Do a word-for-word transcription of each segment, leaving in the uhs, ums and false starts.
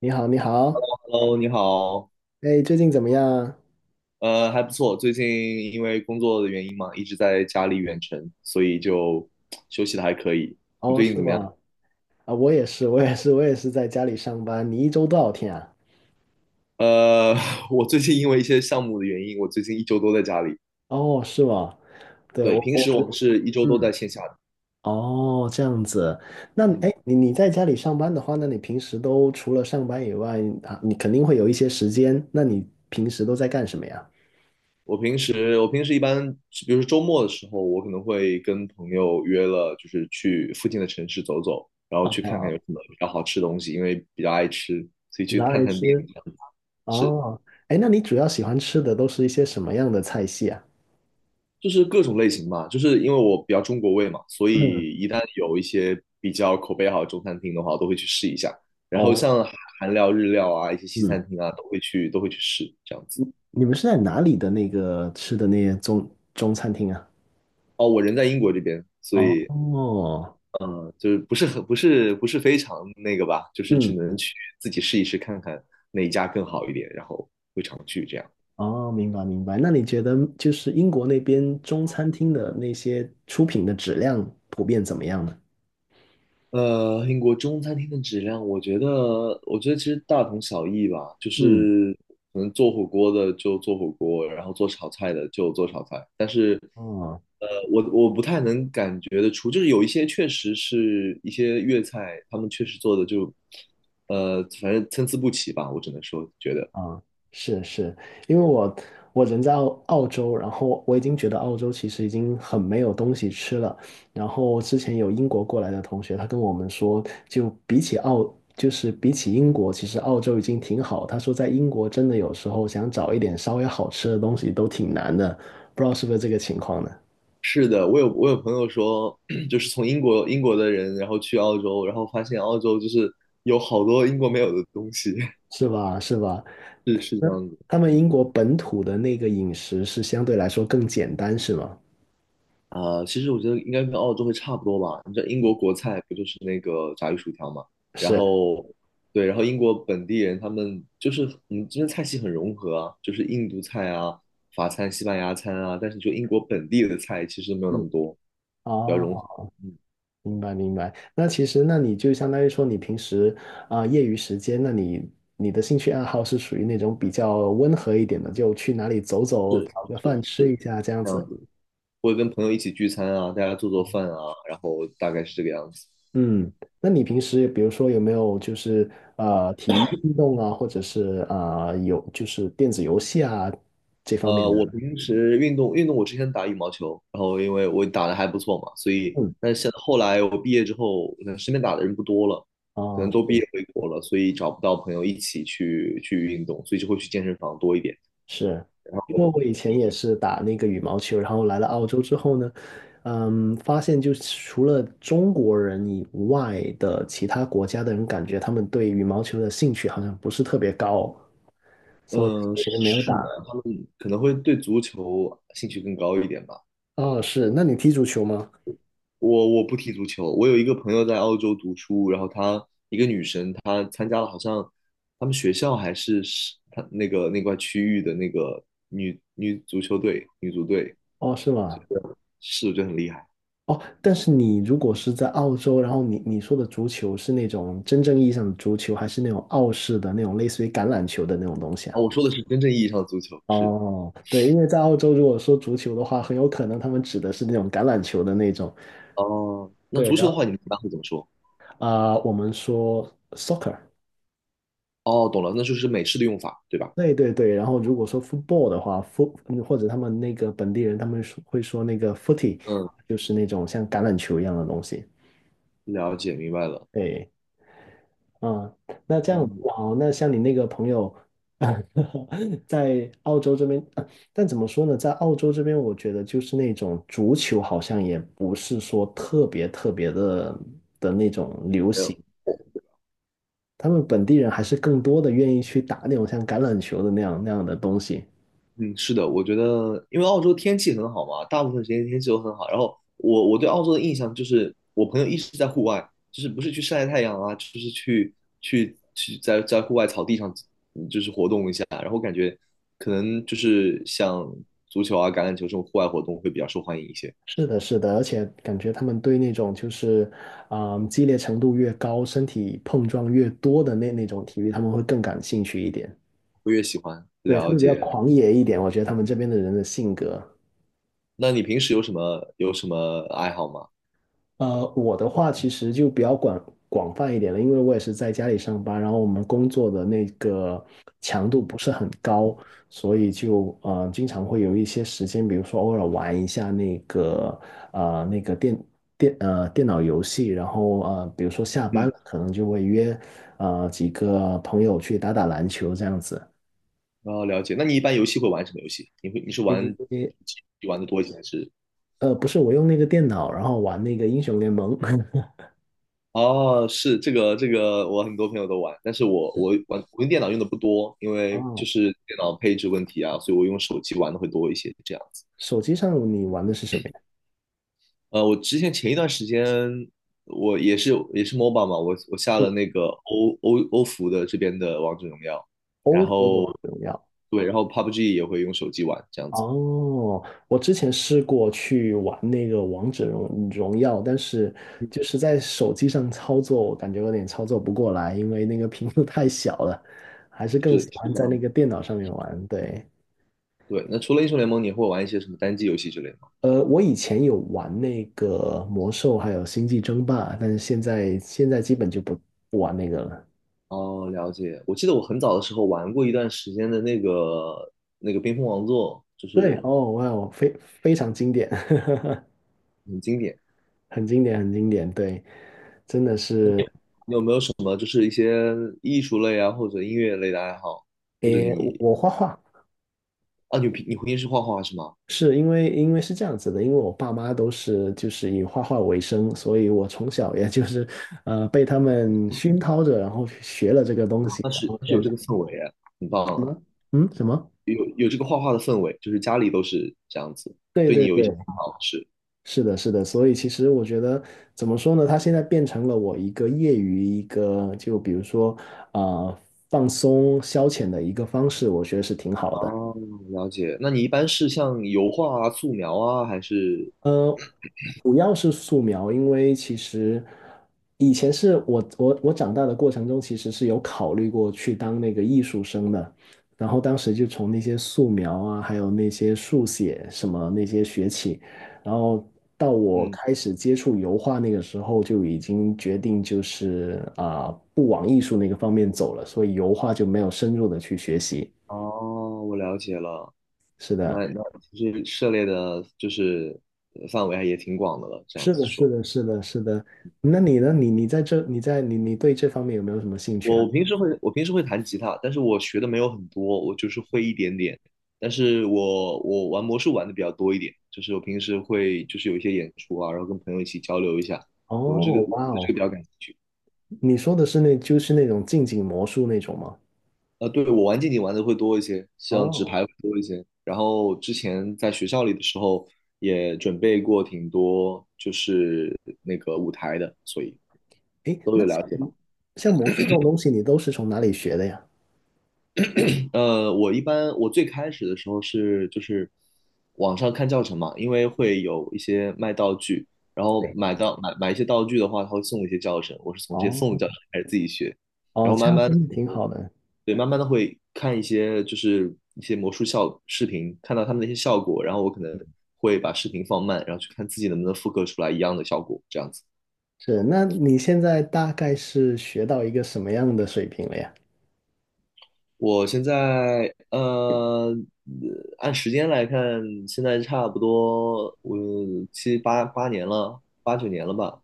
你好，你好，Hello，你好，哎，最近怎么样？呃，还不错。最近因为工作的原因嘛，一直在家里远程，所以就休息的还可以。你哦，最近是怎么样？吗？啊，我也是，我也是，我也是在家里上班。你一周多少天啊？呃，我最近因为一些项目的原因，我最近一周都在家里。哦，是吗？对，对，我平我时我们是一周都嗯，在线下的。哦，这样子。那哎，嗯，你你在家里上班的话，那你平时都除了上班以外啊，你肯定会有一些时间。那你平时都在干什么呀？我平时我平时一般，比如说周末的时候，我可能会跟朋友约了，就是去附近的城市走走，然后啊，去看看有什么比较好吃的东西，因为比较爱吃，所以去拿探来探店吃。这样子。是。哦，哎，那你主要喜欢吃的都是一些什么样的菜系啊？就是各种类型嘛，就是因为我比较中国胃嘛，所嗯，以一旦有一些比较口碑好的中餐厅的话，我都会去试一下。然后哦，像韩韩料、日料啊，一些西嗯。餐厅啊，都会去都会去试这样子。你们是在哪里的那个吃的那些中中餐厅啊？哦，我人在英国这边，所以哦，嗯，就是不是很不是不是非常那个吧，就是只嗯，能去自己试一试看看哪一家更好一点，然后会常去这样。哦，明白明白。那你觉得就是英国那边中餐厅的那些出品的质量普遍怎么样呢？呃，英国中餐厅的质量，我觉得，我觉得其实大同小异吧，就嗯，是可能做火锅的就做火锅，然后做炒菜的就做炒菜。但哦。呃，我我不太能感觉得出，就是有一些确实是一些粤菜，他们确实做的就，呃，反正参差不齐吧，我只能说觉得啊，是是，因为我我人在澳澳洲，然后我已经觉得澳洲其实已经很没有东西吃了。然后之前有英国过来的同学，他跟我们说，就比起澳，就是比起英国，其实澳洲已经挺好。他说在英国真的有时候想找一点稍微好吃的东西都挺难的，不知道是不是这个情况呢？是的。我有我有朋友说，就是从英国英国的人，然后去澳洲，然后发现澳洲就是有好多英国没有的东西，是吧？是吧？是是那这样子，他们嗯。英国本土的那个饮食是相对来说更简单，是吗？啊、其实我觉得应该跟澳洲会差不多吧。你知道英国国菜不就是那个炸鱼薯条嘛？然是，后，对，然后英国本地人他们就是嗯，们这边菜系很融合啊，就是印度菜啊、法餐、西班牙餐啊。但是就英国本地的菜其实没有那嗯，么多，比较融啊。合。嗯，明白明白。那其实，那你就相当于说，你平时啊、业余时间，那你你的兴趣爱好是属于那种比较温和一点的，就去哪里走走，是找个饭是吃一是，下这样这样子。子。会跟朋友一起聚餐啊，大家做做饭啊，然后大概是这个样子。嗯，那你平时比如说有没有就是呃体育运动啊，或者是啊、呃、有就是电子游戏啊这方面呃，的？我平时运动运动，我之前打羽毛球，然后因为我打的还不错嘛，所以嗯，但是现后来我毕业之后，可能身边打的人不多了，可啊能都毕是。业回国了，所以找不到朋友一起去去运动，所以就会去健身房多一点。是，因为哦，我以前也是打那个羽毛球，然后来了澳洲之后呢，嗯，发现就是除了中国人以外的其他国家的人，感觉他们对羽毛球的兴趣好像不是特别高，所以嗯，也就没有是打的，了。他们可能会对足球兴趣更高一点吧。哦，是，那你踢足球吗？我我不踢足球，我有一个朋友在澳洲读书，然后她一个女生，她参加了好像他们学校还是是她那个那块区域的那个女女足球队、女足队，哦，是吗？是我觉得很厉害哦，但是你如果是在澳洲，然后你你说的足球是那种真正意义上的足球，还是那种澳式的那种类似于橄榄球的那种东西啊。啊？我说的是真正意义上的足球，是哦，对，因为在澳洲，如果说足球的话，很有可能他们指的是那种橄榄球的那种。哦。那对，足然球的后话，你们一般会怎么说？啊、我们说 soccer，哦，懂了，那就是美式的用法，对吧？对对对。然后如果说 football 的话，foot 嗯或者他们那个本地人，他们说会说那个 footy，嗯，就是那种像橄榄球一样的东西。了解，明白了。对，啊，那这样嗯，好，那像你那个朋友，在澳洲这边，呃但怎么说呢，在澳洲这边，我觉得就是那种足球好像也不是说特别特别的的那种流没行，有。他们本地人还是更多的愿意去打那种像橄榄球的那样那样的东西。嗯，是的，我觉得因为澳洲天气很好嘛，大部分时间天气都很好。然后我我对澳洲的印象就是，我朋友一直在户外，就是不是去晒太阳啊，就是去去去在在户外草地上，可能就是像足球啊、橄榄球这种户外活动会比较受欢迎一些，是的，是的，而且感觉他们对那种就是，啊激烈程度越高，身体碰撞越多的那那种体育，他们会更感兴趣一点。我越喜欢对，他了们比较解。狂野一点，我觉得他们这边的人的性格。那你平时有什么有什么爱好吗？呃，我的话其实就比较广广泛一点了，因为我也是在家里上班，然后我们工作的那个强度不是很高，所以就呃经常会有一些时间，比如说偶尔玩一下那个呃那个电电呃电脑游戏，然后呃比如说下班嗯，了，可能就会约呃几个朋友去打打篮球这样子。然后了解。那你一般游戏会玩什么游戏？你会你是玩诶，玩的多一些还是？呃，不是，我用那个电脑，然后玩那个英雄联盟。哦，是这个这个，我很多朋友都玩，但是我我玩我用电脑用的不多，因为就哦，是电脑配置问题啊，所以我用手机玩的会多一些这样子。手机上你玩的是什么呀？呃，我之前前一段时间我也是也是 M O B A 嘛，我我下了是 那个欧欧欧服的这边的王者荣耀，然 O P P O 的后王者荣耀。对，然后 P U B G 也会用手机玩这样子，哦，我之前试过去玩那个王者荣荣耀，但是就是在手机上操作，我感觉有点操作不过来，因为那个屏幕太小了，还是更是喜是欢这在那样。个电脑上面玩。对，对，那除了英雄联盟，你会玩一些什么单机游戏之类的吗？呃，我以前有玩那个魔兽，还有星际争霸，但是现在现在基本就不不玩那个了。哦，了解。我记得我很早的时候玩过一段时间的那个那个冰封王座，就对，是哦，哇哦，我非非常经典。很经典。很经典，很经典，对，真的是，你有没有什么就是一些艺术类啊，或者音乐类的爱好？或者诶，我你我画画啊，你平你平时画画是吗？是因为因为是这样子的，因为我爸妈都是就是以画画为生，所以我从小也就是呃被他们熏陶着，然后学了这个东西，那然是后那现是有在这就个氛围啊，很棒什啊，么嗯什么。有有这个画画的氛围，就是家里都是这样子，对对你对有一些对，看法是。是的，是的，所以其实我觉得怎么说呢？它现在变成了我一个业余一个，就比如说啊、呃放松消遣的一个方式，我觉得是挺好的。哦，了解。那你一般是像油画啊、素描啊，还是呃，主要是素描，因为其实以前是我我我长大的过程中，其实是有考虑过去当那个艺术生的，然后当时就从那些素描啊，还有那些速写什么那些学起，然后到我嗯？开始接触油画那个时候，就已经决定就是啊、不往艺术那个方面走了，所以油画就没有深入的去学习。哦，我了解了。那那其实涉猎的就是呃范围还也挺广的了。这样是子的，是说，的，是的，是的。那你呢？你你在这，你在你你对这方面有没有什么兴趣我啊？我平时会我平时会弹吉他，但是我学的没有很多，我就是会一点点。但是我我玩魔术玩的比较多一点，就是我平时会就是有一些演出啊，然后跟朋友一起交流一下，我这个哦，哇这个哦，比较感兴趣。你说的是那就是那种近景魔术那种吗？呃，对，我玩竞技玩的会多一些，像纸哦，牌会多一些。然后之前在学校里的时候也准备过挺多，就是那个舞台的，所以诶，都那有像了解吧。魔像魔术这种东西，你都是从哪里学的呀？呃，我一般我最开始的时候是就是网上看教程嘛，因为会有一些卖道具，然后对，买到买买一些道具的话，他会送一些教程，我是从这些送的哦教程开始自己学，然哦，后这慢样慢的。真的挺好的。对，慢慢的会看一些就是一些魔术效视频，看到他们的一些效果，然后我可能会把视频放慢，然后去看自己能不能复刻出来一样的效果，这样子。是，那你现在大概是学到一个什么样的水平了呀？我现在呃，按时间来看，现在差不多我七八八年了，八九年了吧。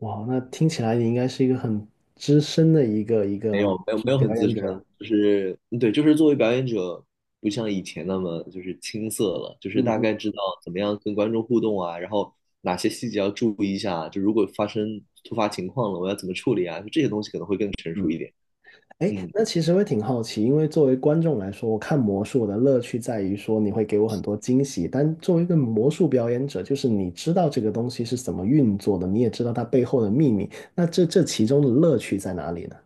哇，那听起来你应该是一个很资深的一个一没个魔有，没有，术没有表很资演深，者。就是对，就是作为表演者，不像以前那么就是青涩了，就是嗯大概嗯知道怎么样跟观众互动啊，然后哪些细节要注意一下啊，就如果发生突发情况了，我要怎么处理啊，就这些东西可能会更成熟嗯。一点。哎，嗯。那其实会挺好奇，因为作为观众来说，我看魔术我的乐趣在于说你会给我很多惊喜，但作为一个魔术表演者，就是你知道这个东西是怎么运作的，你也知道它背后的秘密，那这这其中的乐趣在哪里呢？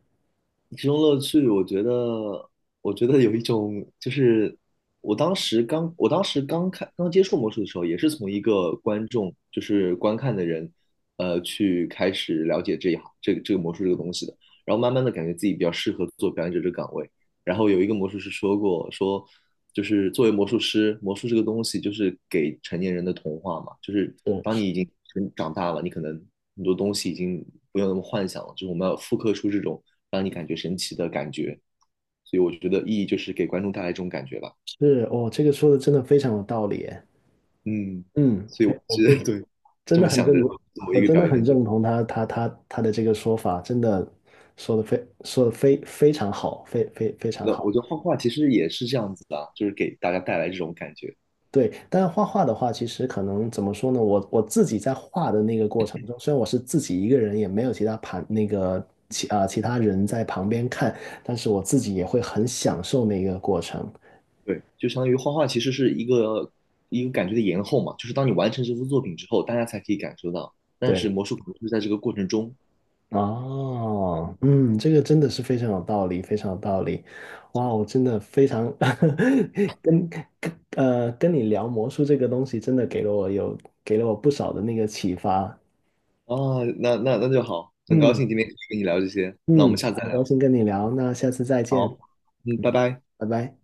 其中乐趣，我觉得，我觉得有一种，就是我当时刚，我当时刚看刚接触魔术的时候，也是从一个观众，就是观看的人，呃，去开始了解这一行，这个这个魔术这个东西的，然后慢慢的感觉自己比较适合做表演者这个岗位。然后有一个魔术师说过，说就是作为魔术师，魔术这个东西就是给成年人的童话嘛，就是当是你已经成长大了，你可能很多东西已经不用那么幻想了，就是我们要复刻出这种让你感觉神奇的感觉，所以我觉得意义就是给观众带来这种感觉吧。是，哦，这个说的真的非常有道理耶，嗯，嗯，非我是的，非对，真这么的很想着认同，作为我一个真表的很演者，认同他他他他的这个说法，真的说的非说的非非常好，非非非常那好。我觉得画画其实也是这样子的啊就是给大家带来这种感觉。对，但是画画的话，其实可能怎么说呢？我我自己在画的那个过程中，虽然我是自己一个人，也没有其他旁那个其啊、其他人在旁边看，但是我自己也会很享受那个过程。对，就相当于画画其实是一个一个感觉的延后嘛，就是当你完成这幅作品之后，大家才可以感受到。但是对，魔术可能是在这个过程中哦，嗯，这个真的是非常有道理，非常有道理。哇哦，我真的非常 跟跟呃跟你聊魔术这个东西，真的给了我有给了我不少的那个启发。啊，那那那就好，很高嗯。兴今天可以跟你聊这些，那我们嗯，下次再很聊。高兴跟你聊，那下次再见，好，嗯，拜嗯，拜。拜拜。